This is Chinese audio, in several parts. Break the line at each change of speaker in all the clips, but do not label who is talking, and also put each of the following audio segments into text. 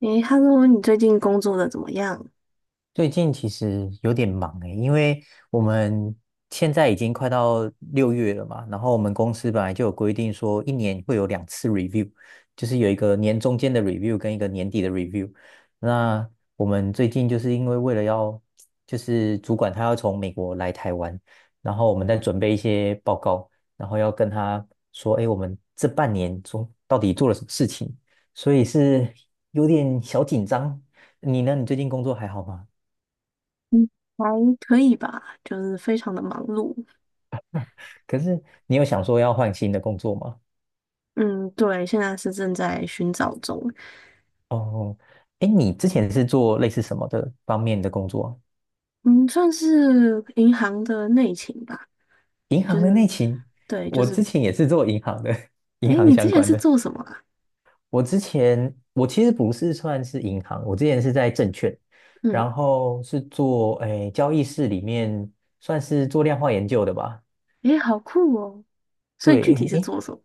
诶，Hello，你最近工作的怎么样？
最近其实有点忙诶，因为我们现在已经快到六月了嘛，然后我们公司本来就有规定说一年会有两次 review，就是有一个年中间的 review 跟一个年底的 review。那我们最近就是为了要主管他要从美国来台湾，然后我们在准备一些报告，然后要跟他说，哎，我们这半年中到底做了什么事情，所以是有点小紧张。你呢？你最近工作还好吗？
还可以吧，就是非常的忙碌。
可是你有想说要换新的工作吗？
嗯，对，现在是正在寻找中。
哦，哎，你之前是做类似什么的方面的工作啊？
嗯，算是银行的内勤吧，
银
就
行的内
是，
勤，
对，就
我
是，
之前也是做银行的，银
诶，
行
你之
相
前
关
是
的。
做什么啊？
我之前我其实不是算是银行，我之前是在证券，
嗯，
然后是做交易室里面算是做量化研究的吧。
诶，好酷哦。所以具
对，
体是
诶，
做什么？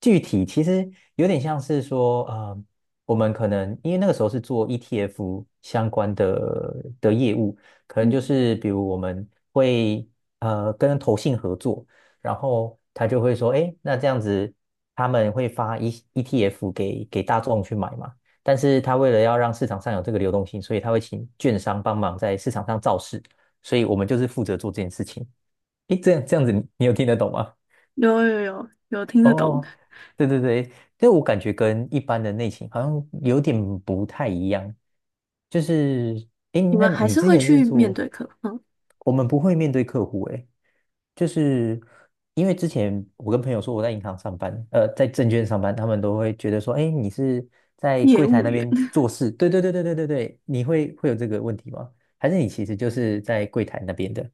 具体其实有点像是说，我们可能因为那个时候是做 ETF 相关的业务，可能就
嗯，
是比如我们会跟投信合作，然后他就会说，哎，那这样子他们会发 ETF 给大众去买嘛，但是他为了要让市场上有这个流动性，所以他会请券商帮忙在市场上造势，所以我们就是负责做这件事情。诶，这样子你，你有听得懂吗？
有,听得懂。
哦，对对对，这我感觉跟一般的内勤好像有点不太一样。就是，诶，
你
那
们还
你
是
之
会
前是
去面
做，
对客户，嗯，
我们不会面对客户，诶，就是因为之前我跟朋友说我在银行上班，在证券上班，他们都会觉得说，诶，你是在
业
柜台
务
那
员。
边 做事？对对对对对对对，你会有这个问题吗？还是你其实就是在柜台那边的？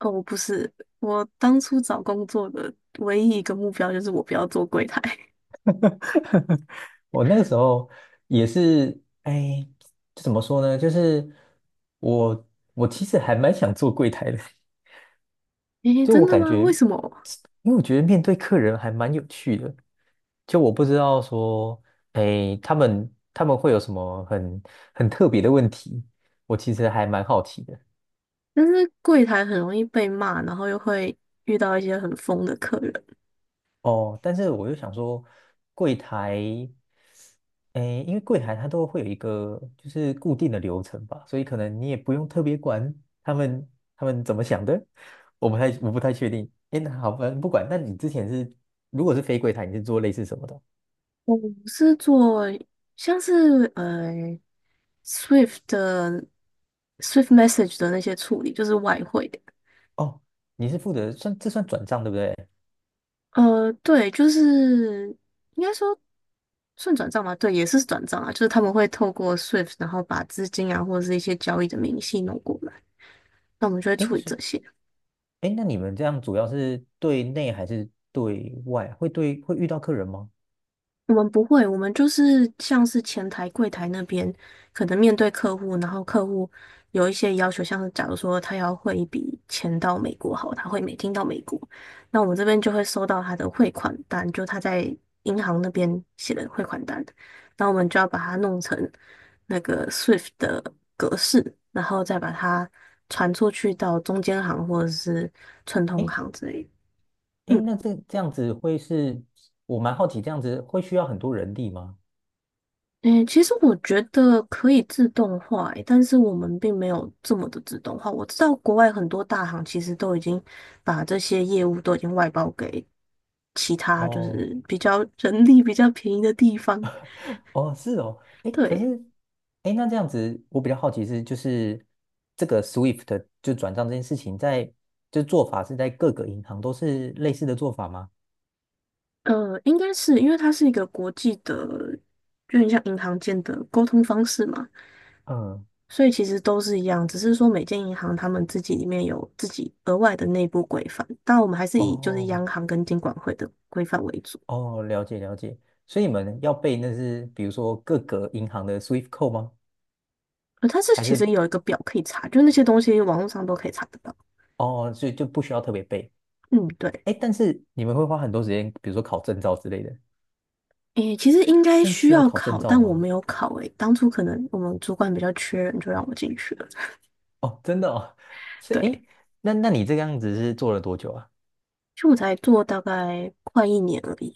哦，不是，我当初找工作的唯一一个目标就是我不要做柜台。
我那个时候也是，哎，怎么说呢？就是我我其实还蛮想做柜台的，
诶，
就
真
我
的
感
吗？
觉，
为什么？
因为我觉得面对客人还蛮有趣的。就我不知道说，哎，他们会有什么很特别的问题，我其实还蛮好奇的。
但是柜台很容易被骂，然后又会遇到一些很疯的客人。
哦，但是我又想说，柜台，诶，因为柜台它都会有一个就是固定的流程吧，所以可能你也不用特别管他们他们怎么想的，我不太确定。诶，那好吧，不管。那你之前是如果是非柜台，你是做类似什么的？
我是做像是Swift 的 Swift Message 的那些处理，就是外汇的。
哦，你是负责算转账对不对？
对，就是应该说算转账吗？对，也是转账啊，就是他们会透过 Swift，然后把资金啊或者是一些交易的明细弄过来，那我们就会
诶，
处理这
是
些。
诶，那你们这样主要是对内还是对外？会遇到客人吗？
我们不会，我们就是像是前台、柜台那边，可能面对客户，然后客户有一些要求，像是假如说他要汇一笔钱到美国，好，他会每金到美国，那我们这边就会收到他的汇款单，就他在银行那边写的汇款单，那我们就要把它弄成那个 SWIFT 的格式，然后再把它传出去到中间行或者是串通
诶
行之类的。
诶，
嗯
那这这样子会是，我蛮好奇，这样子会需要很多人力吗？
嗯，其实我觉得可以自动化诶，但是我们并没有这么的自动化。我知道国外很多大行其实都已经把这些业务都已经外包给其他就
哦，
是比较 人力比较便宜的地方。
哦，是哦，诶，可是，
对，
诶，那这样子我比较好奇是，就是这个 SWIFT 就转账这件事情在，就做法是在各个银行都是类似的做法吗？
应该是因为它是一个国际的，就很像银行间的沟通方式嘛，
嗯，
所以其实都是一样，只是说每间银行他们自己里面有自己额外的内部规范，但我们还是以就是
哦，
央行跟金管会的规范为主。
哦，了解了解，所以你们要背那是比如说各个银行的 SWIFT code 吗？
它是
还
其实
是
有一个表可以查，就是那些东西网络上都可以查得到。
哦，所以就不需要特别背？
嗯，对。
诶，但是你们会花很多时间，比如说考证照之类的。
诶，其实应该
这是
需
需要
要
考证
考，
照
但我
吗？
没有考诶。当初可能我们主管比较缺人，就让我进去了。
哦，真的哦，是
对，
诶，那那你这个样子是做了多久啊？
就我才做大概快一年而已，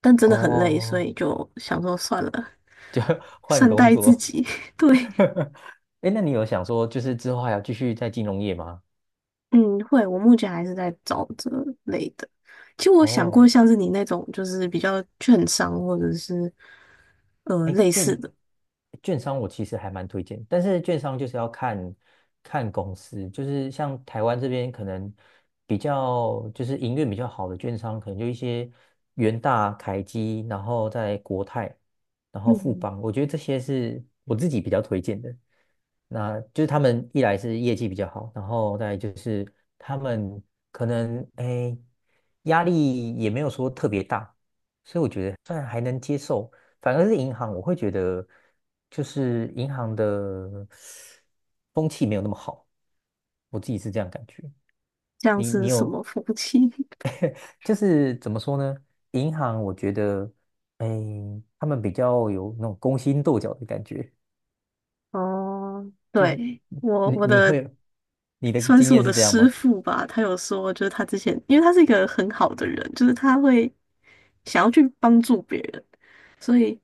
但真的很累，所
哦，
以就想说算了，
就 换
善
工
待自
作。
己。对，
诶，那你有想说，就是之后还要继续在金融业吗？
嗯，会，我目前还是在找这类的。其实我想
哦。
过像是你那种，就是比较券商或者是
哎，
类似
券
的，
券商我其实还蛮推荐，但是券商就是要看公司，就是像台湾这边可能比较就是营运比较好的券商，可能就一些元大、凯基，然后在国泰，然后富
嗯，
邦，我觉得这些是我自己比较推荐的。那就是他们一来是业绩比较好，然后再来就是他们可能哎压力也没有说特别大，所以我觉得算还能接受。反而是银行，我会觉得就是银行的风气没有那么好，我自己是这样感觉。
像
你
是什
有
么服务器
就是怎么说呢？银行我觉得，哎，他们比较有那种勾心斗角的感觉。
哦，对，我
你
我
你
的
会你的
算
经
是我
验
的
是这样
师
吗？
傅吧，他有说，就是他之前，因为他是一个很好的人，就是他会想要去帮助别人，所以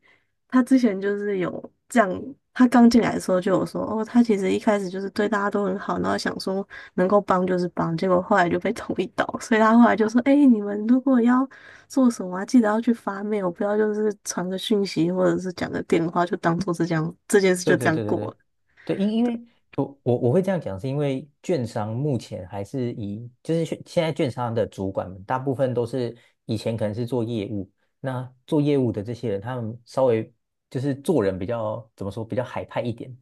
他之前就是有这样，他刚进来的时候就有说，哦，他其实一开始就是对大家都很好，然后想说能够帮就是帮，结果后来就被 捅一刀，所以他后来就说，哎，你们如果要做什么啊？记得要去发 mail，不要就是传个讯息或者是讲个电话，就当做是这样，这件事就
对
这
对
样
对对
过
对。
了。
对，因为我会这样讲，是因为券商目前还是以就是现在券商的主管们，大部分都是以前可能是做业务，那做业务的这些人，他们稍微就是做人比较怎么说，比较海派一点，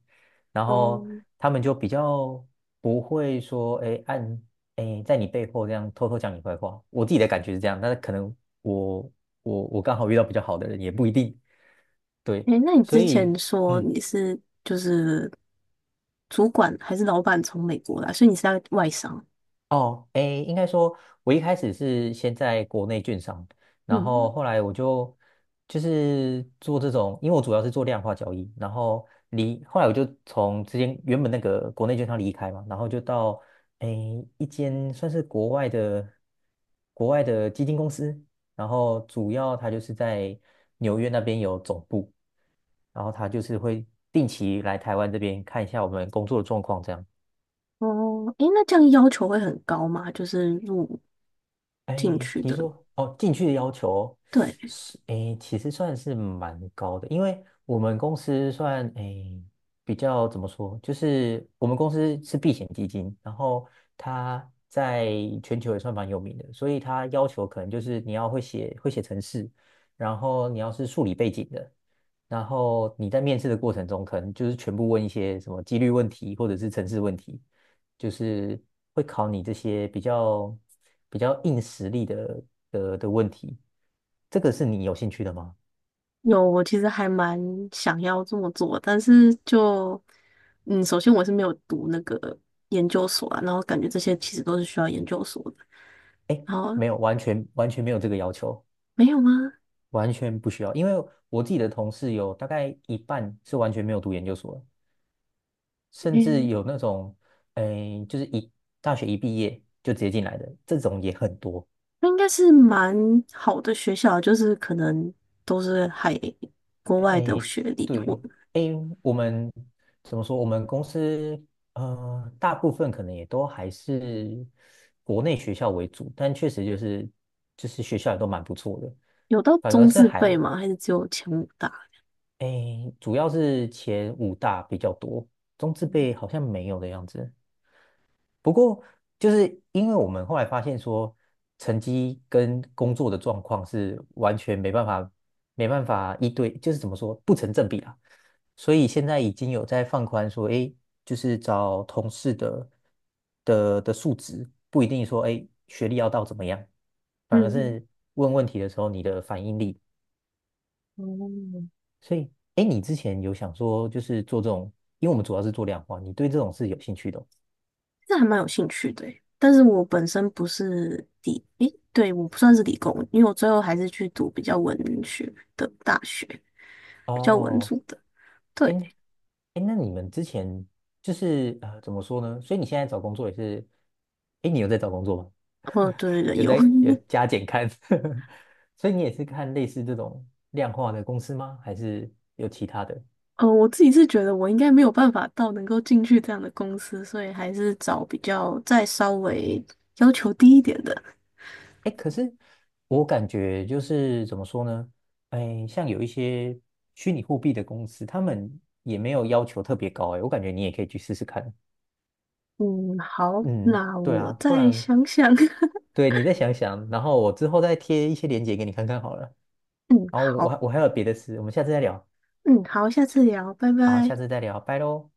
然
哦，
后他们就比较不会说，哎在你背后这样偷偷讲你坏话。我自己的感觉是这样，但是可能我我刚好遇到比较好的人，也不一定。对，
诶，那你
所
之
以。
前说
嗯。
你是就是主管还是老板从美国来，所以你是在外商。
哦，诶，应该说，我一开始是先在国内券商，然后
嗯，
后来我就就是做这种，因为我主要是做量化交易，然后后来我就从之前原本那个国内券商离开嘛，然后就到诶一间算是国外的基金公司，然后主要它就是在纽约那边有总部，然后它就是会定期来台湾这边看一下我们工作的状况这样。
哦，诶，那这样要求会很高吗？就是入进
哎，
去
你
的，
说哦，进去的要求
对，
是哎，其实算是蛮高的，因为我们公司算哎比较怎么说，就是我们公司是避险基金，然后它在全球也算蛮有名的，所以它要求可能就是你要会写程式，然后你要是数理背景的，然后你在面试的过程中可能就是全部问一些什么几率问题或者是程式问题。就是会考你这些比较硬实力的的问题。这个是你有兴趣的吗？
有，我其实还蛮想要这么做，但是就，嗯，首先我是没有读那个研究所啊，然后感觉这些其实都是需要研究所的，然后
没有，完全没有这个要求，
没有吗？
完全不需要。因为我自己的同事有大概一半是完全没有读研究所的甚至
嗯，
有那种，诶，就是大学一毕业就直接进来的，这种也很多。
那应该是蛮好的学校，就是可能都是海国外的
诶，
学历，或
对，诶，我们怎么说？我们公司大部分可能也都还是国内学校为主，但确实就是学校也都蛮不错的，
有到
反而
中
是
字辈
还
吗？还是只有前五大？
诶，主要是前五大比较多，中字辈好像没有的样子。不过，就是因为我们后来发现说，成绩跟工作的状况是完全没办法一对，就是怎么说不成正比啦。所以现在已经有在放宽说，哎，就是找同事的数值，不一定说哎学历要到怎么样，反而
嗯。
是问问题的时候你的反应力。
哦，
所以，哎，你之前有想说就是做这种，因为我们主要是做量化，你对这种是有兴趣的
这还蛮有兴趣的欸但是我本身不是理，诶，对，我不算是理工，因为我最后还是去读比较文学的大学，比较文
哦。
组的。
哎
对，
哎，那你们之前就是怎么说呢？所以你现在找工作也是，哎，你有在找工作吗？
哦，对对对，有，
有 加减看，所以你也是看类似这种量化的公司吗？还是有其他的？
我自己是觉得我应该没有办法到能够进去这样的公司，所以还是找比较再稍微要求低一点的。
哎，可是我感觉就是怎么说呢？哎，像有一些虚拟货币的公司，他们也没有要求特别高，哎，我感觉你也可以去试试看。
嗯，好，
嗯，
那
对
我
啊，不
再
然
想想。
对你再想想，然后我之后再贴一些链接给你看看好了。
嗯，
然后
好，
我还有别的事，我们下次再聊。
嗯，好，下次聊，拜
好，
拜。
下次再聊，拜喽。